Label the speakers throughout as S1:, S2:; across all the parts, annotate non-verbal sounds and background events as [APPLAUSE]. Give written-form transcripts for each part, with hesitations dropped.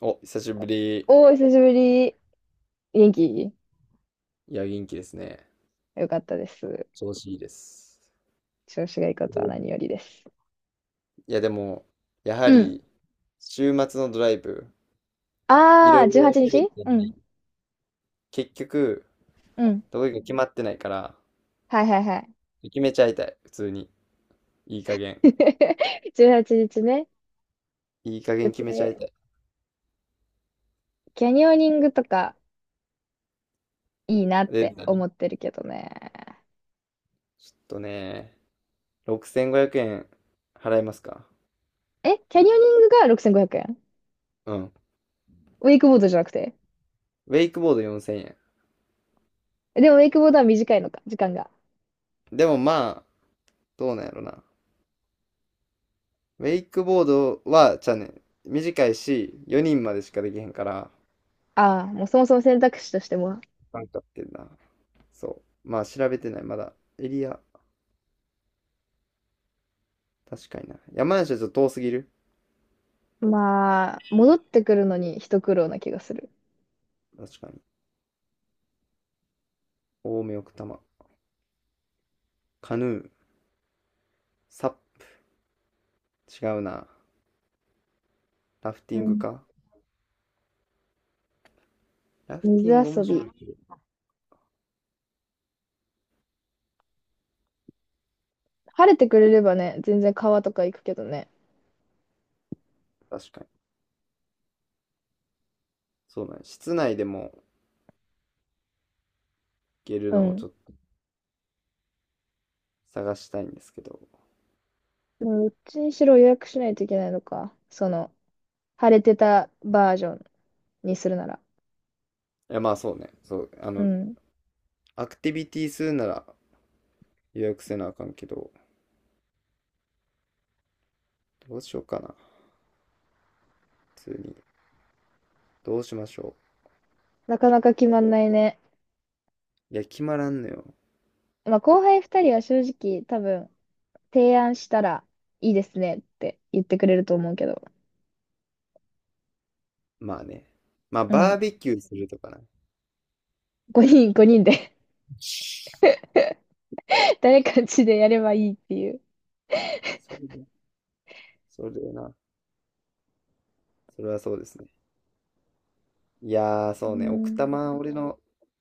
S1: お、久しぶり。
S2: おー、久しぶり。元気
S1: いや、元気ですね。
S2: よかったです。
S1: 調子いいです。
S2: 調子がいいことは
S1: い
S2: 何よりです。
S1: や、でも、やは
S2: うん。
S1: り、週末のドライブ、い
S2: あ
S1: ろ
S2: あ、
S1: い
S2: 18
S1: ろ
S2: 日う
S1: 喋
S2: は
S1: っ
S2: ちにち
S1: たの
S2: うん。
S1: に、結局、
S2: うん。
S1: どこ行くか決まってないから、
S2: はいはいはい。
S1: 決めちゃいたい。普通に。いい加減。
S2: [LAUGHS] 18日ね。
S1: いい加
S2: 予
S1: 減決めちゃい
S2: 定
S1: たい。
S2: キャニオニングとかいいなっ
S1: で、
S2: て
S1: だね。
S2: 思ってるけどね。
S1: ちょっとね、6500円払えますか？
S2: え、キャニオニングが6500円
S1: うん。
S2: ウェイクボードじゃなくて。
S1: ウェイクボード4000円。
S2: でもウェイクボードは短いのか、時間が。
S1: でもまあ、どうなんやろな。ウェイクボードは、じゃあね、短いし、4人までしかできへんから、
S2: ああ、もうそもそも選択肢としても。
S1: 間経ってんな。そう。まあ調べてない。まだエリア、確かにな。山梨はちょっと遠すぎる。
S2: まあ、戻ってくるのに一苦労な気がする。
S1: 確かに。青梅奥多摩。カヌー。サップ。違うな。ラフテ
S2: う
S1: ィング
S2: ん
S1: か。ラフ
S2: 水
S1: ティング面
S2: 遊
S1: 白
S2: び。
S1: いけど。
S2: 晴れてくれればね、全然川とか行くけどね。
S1: 確かに。そうだね。室内でも行ける
S2: う
S1: のをち
S2: ん。
S1: ょっと探したいんですけど。
S2: でも、どっちにしろ予約しないといけないのか。その、晴れてたバージョンにするなら。
S1: いやまあそうね。そう。
S2: うん。
S1: アクティビティするなら予約せなあかんけど、どうしようかな。普通に。どうしましょ
S2: なかなか決まんないね。
S1: う。いや、決まらんのよ。
S2: まあ、後輩二人は正直多分、提案したらいいですねって言ってくれると思うけど。
S1: まあね。まあ
S2: う
S1: バ
S2: ん。
S1: ーベキューするとかな。
S2: 5人、5人で
S1: [LAUGHS]
S2: [LAUGHS] 誰かんちでやればいいっていう。
S1: それね。それな。それはそうですね。いやー、
S2: う
S1: そうね。奥多
S2: ん。
S1: 摩、俺の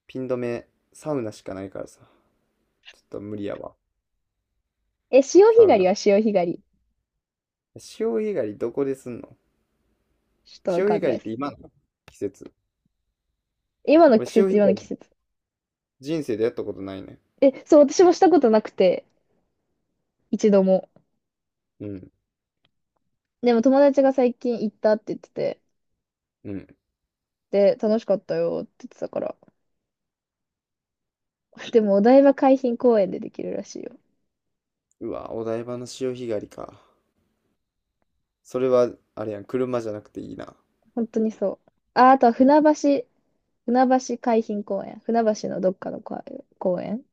S1: ピン止め、サウナしかないからさ。ちょっと無理やわ。
S2: え、潮
S1: サ
S2: 干
S1: ウ
S2: 狩
S1: ナ。
S2: りは潮干狩り。
S1: 潮干狩りどこですんの？
S2: ちょっとわ
S1: 潮
S2: か
S1: 干
S2: んな
S1: 狩り
S2: い
S1: っ
S2: で
S1: て
S2: す。
S1: 今の季節。
S2: 今の
S1: 俺、
S2: 季
S1: 潮
S2: 節、
S1: 干
S2: 今
S1: 狩
S2: の季
S1: り
S2: 節。
S1: 人生でやったことないね。
S2: え、そう、私もしたことなくて、一度も。
S1: うん。
S2: でも友達が最近行ったって言ってて、
S1: うん。
S2: で、楽しかったよって言ってたから。[LAUGHS] でもお台場海浜公園でできるらしいよ。
S1: うわ、お台場の潮干狩りか。それは、あれやん、車じゃなくていいな。
S2: 本当にそう。あ、あとは船橋、船橋海浜公園。船橋のどっかの公園。公園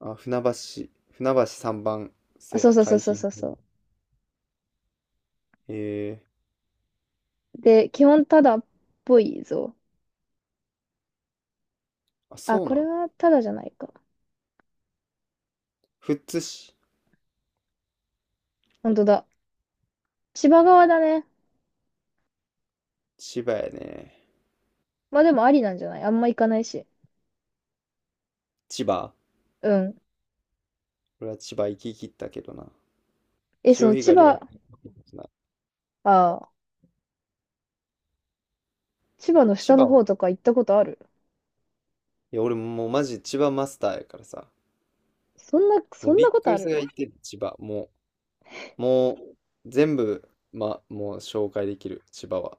S1: あ、船橋、船橋3番
S2: あ、そう
S1: 瀬
S2: そうそう
S1: 海
S2: そう
S1: 浜。
S2: そうそ
S1: へえ
S2: う。で、基本タダっぽいぞ。
S1: ー。あ、
S2: あ、
S1: そう
S2: こ
S1: な
S2: れ
S1: ん。
S2: はタダじゃないか。
S1: 富津市。
S2: 本当だ。千葉側だね。
S1: 千葉やね。
S2: まあでもありなんじゃないあんま行かないし。
S1: 千葉。
S2: うん。
S1: 俺は千葉行き切ったけどな。
S2: え、そ
S1: 潮
S2: の
S1: 干
S2: 千
S1: 狩りは
S2: 葉、
S1: 行きな。
S2: ああ、千葉の
S1: 千
S2: 下
S1: 葉
S2: の
S1: を。
S2: 方とか行ったことある
S1: いや、俺もうマジ千葉マスターやからさ。
S2: そんな、
S1: も
S2: そ
S1: う
S2: ん
S1: びっ
S2: なこ
S1: く
S2: とあ
S1: りす
S2: る
S1: るが行ってる、千葉。もう、全部、ま、もう紹介できる、千葉は。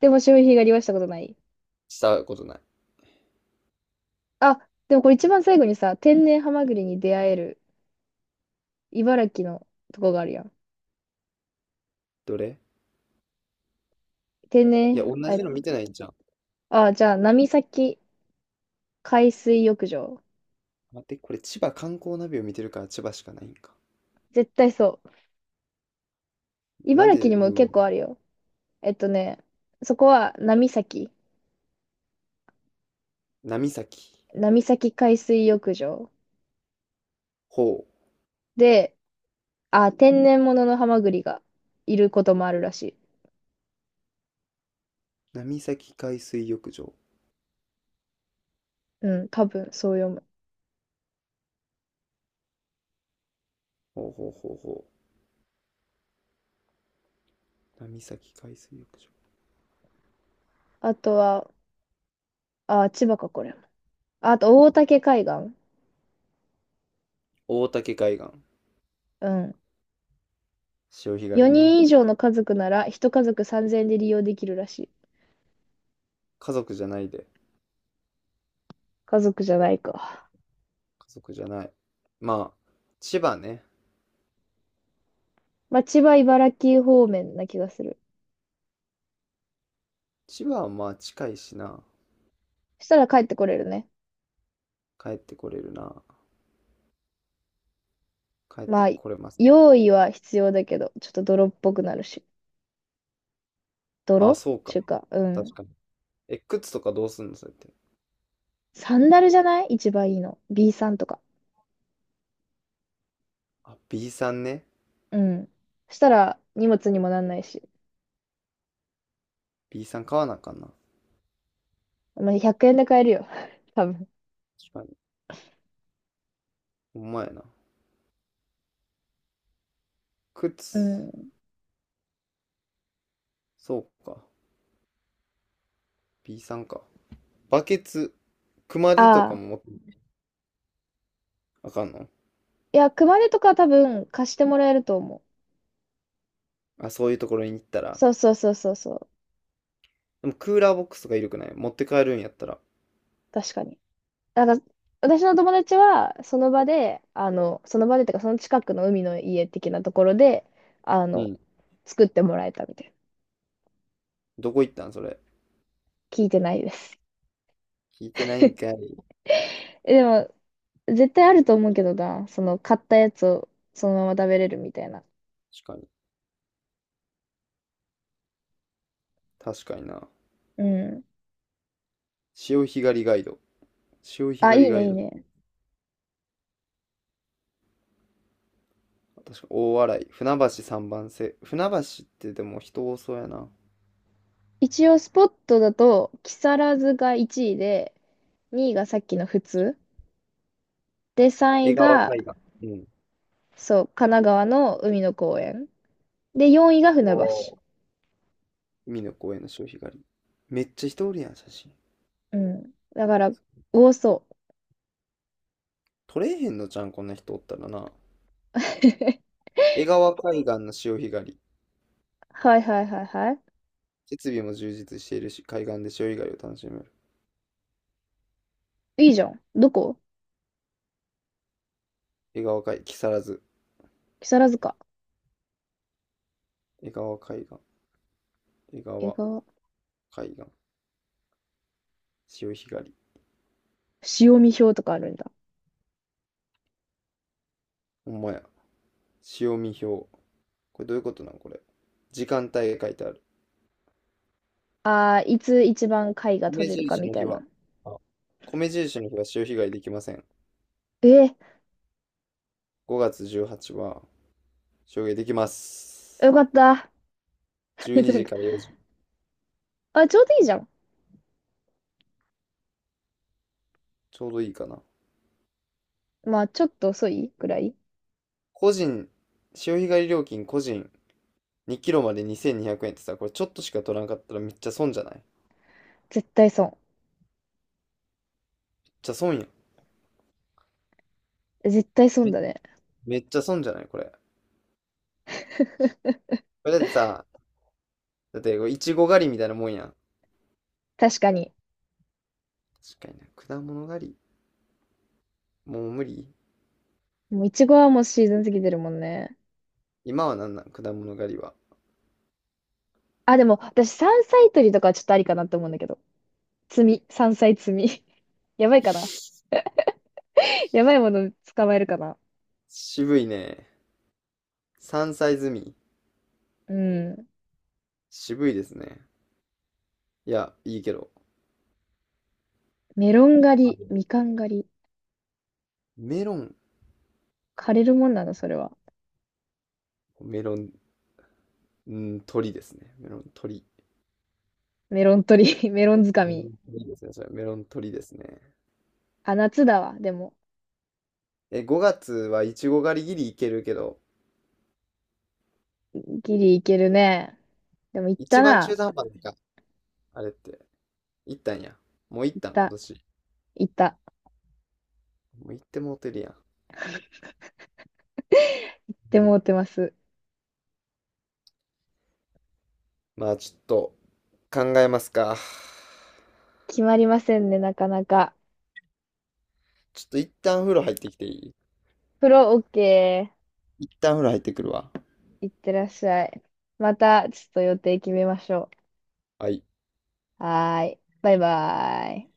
S2: でも潮干狩りはしたことない。
S1: したことない。
S2: あ、でもこれ一番最後にさ、天然ハマグリに出会える茨城のとこがあるやん。
S1: どれ？
S2: 天
S1: いや、
S2: 然、
S1: 同
S2: あ、
S1: じの見てないんじゃん。
S2: あ、じゃあ、波崎海水浴場。
S1: 待って、これ千葉観光ナビを見てるから千葉しかないんか。
S2: 絶対そう。
S1: なん
S2: 茨城に
S1: で、
S2: も
S1: グー
S2: 結
S1: グル
S2: 構あるよ。えっとね、そこは波崎、
S1: 波崎。
S2: 波崎海水浴場
S1: ほう。
S2: で、あ、天然物のハマグリがいることもあるらしい。
S1: 波崎海水浴場。
S2: うん、多分そう読む。
S1: ほうほうほうほう。波崎海水浴場。
S2: あとは、あ、千葉か、これも。あと、大竹海岸。
S1: 大竹海岸。
S2: うん。
S1: 潮干狩り
S2: 4
S1: ね。
S2: 人以上の家族なら、1家族3000円で利用できるらしい。
S1: 家族じゃないで。
S2: 家族じゃないか。
S1: 家族じゃない。まあ、千葉ね。
S2: まあ、千葉、茨城方面な気がする。
S1: 千葉はまあ近いしな。
S2: そしたら帰ってこれるね。
S1: 帰ってこれるな。帰って
S2: まあ、
S1: これます。
S2: 用意は必要だけど、ちょっと泥っぽくなるし。
S1: ああ、
S2: 泥
S1: そうか。
S2: ちゅうか、うん。
S1: 確かに。え、靴とかどうすんのそれって。
S2: サンダルじゃない一番いいの。B さんとか。
S1: あ、B さんね。
S2: うん。そしたら、荷物にもなんないし。
S1: B さん買わなあかんな。
S2: まあ、100円で買えるよ。[LAUGHS] 多分。
S1: 確かに。ほんまやな。
S2: う
S1: 靴。
S2: ん。
S1: そうか。B さんか。バケツ。熊手とか
S2: ああ。
S1: も持ってあかんの？
S2: いや、熊手とか多分貸してもらえると思う。
S1: あ、そういうところに行ったら。
S2: そうそうそうそうそう。
S1: でもクーラーボックスとかいるくない？持って帰るんやったら。
S2: 確かに。あの、私の友達は、その場で、あの、その場でとか、その近くの海の家的なところで、あ
S1: う
S2: の、
S1: ん。
S2: 作ってもらえたみたいな。
S1: どこ行ったんそれ？
S2: 聞いてないです。
S1: 聞いてないんかい。
S2: [LAUGHS] え、でも、絶対あると思うけどな、その、買ったやつをそのまま食べれるみたいな。
S1: 確かに。確かにな。
S2: うん。
S1: 潮干狩りガイド。潮干
S2: あ、
S1: 狩
S2: い
S1: り
S2: いね、
S1: ガイ
S2: いい
S1: ド。
S2: ね。
S1: 確か大洗。船橋三番瀬。船橋ってでも人多そうやな。
S2: 一応、スポットだと、木更津が1位で、2位がさっきの普通。で、3位
S1: 江川
S2: が、
S1: 海岸。うん。
S2: そう、神奈川の海の公園。で、4位が
S1: お
S2: 船橋。
S1: ー海の公園の潮干狩り。めっちゃ人おるやん、写真。
S2: うん。だから、多そう。
S1: 撮れへんのじゃん、こんな人おったらな。江川海岸の潮干狩り。
S2: はいはいはいは
S1: 設備も充実しているし、海岸で潮干狩りを楽しめる。
S2: い。いいじゃん。どこ
S1: 江川海、木更津。
S2: 木更津か。
S1: 江川海岸。江
S2: 江
S1: 川
S2: 川。
S1: 海岸。潮干狩り。
S2: 潮見表とかあるんだ。
S1: ほんまや。潮見表。これどういうことなんこれ。時間帯が書いてある。
S2: ああ、いつ一番貝が
S1: 米
S2: 取れるか
S1: 印
S2: み
S1: の
S2: たい
S1: 日は、
S2: な。
S1: あ、米印の日は潮干狩りできません。
S2: え
S1: 5月18はちにちは潮干狩りできま
S2: ー、よ
S1: す。
S2: かった。[LAUGHS] な
S1: 12
S2: ん
S1: 時
S2: か、
S1: から4時。
S2: あ、ちょうどいいじゃん。
S1: ちょうどいいかな。
S2: まあ、ちょっと遅いぐらい。
S1: 個人、潮干狩り料金個人2キロまで2200円ってさ、これちょっとしか取らんかったらめっちゃ損じゃない？
S2: 絶対損。
S1: めっちゃ損やん。
S2: 絶対損
S1: め、
S2: だね。
S1: めっちゃ損じゃないこれ。これだってさ、だってこれいちご狩りみたいなもんやん。
S2: 確かに。
S1: 確かにな。果物狩り。もう無理。
S2: もう、いちごはもうシーズン過ぎてるもんね。
S1: 今はなんなん果物狩りは。
S2: あ、でも、私、山菜採りとかはちょっとありかなって思うんだけど。摘み。山菜摘み。[LAUGHS] やばいかな。[LAUGHS] やばいもの捕まえるかな。
S1: 渋いね。山菜摘み。
S2: うん。
S1: 渋いですね。いや、いいけど。
S2: メロン狩り、み
S1: あ
S2: かん狩り。
S1: メロン、
S2: 枯れるもんなの、それは。
S1: メロン、う鳥ですね。メロン鳥。
S2: メロン取り、[LAUGHS] メロン掴
S1: メロ
S2: み。
S1: ン鳥ですね。それ、メロン鳥ですね。
S2: あ、夏だわ。でも、
S1: え、5月はいちご狩りギリいけるけど、
S2: ギリいけるね。でも、行った
S1: 一番中
S2: な。
S1: 途半端なか、あれって。行ったんや。もう行っ
S2: 行っ
S1: たん、今
S2: た、
S1: 年。
S2: 行った。っ
S1: もう行ってもうてるやん。
S2: て
S1: うん。
S2: 思ってます。
S1: まあ、ちょっと考えますか。
S2: 決まりませんね、なかなか。
S1: ちょっと一旦風呂入ってきていい？
S2: プロオッケ
S1: 一旦風呂入ってくるわ。
S2: ー。いってらっしゃい。また、ちょっと予定決めましょ
S1: はい。
S2: う。はーい。バイバーイ。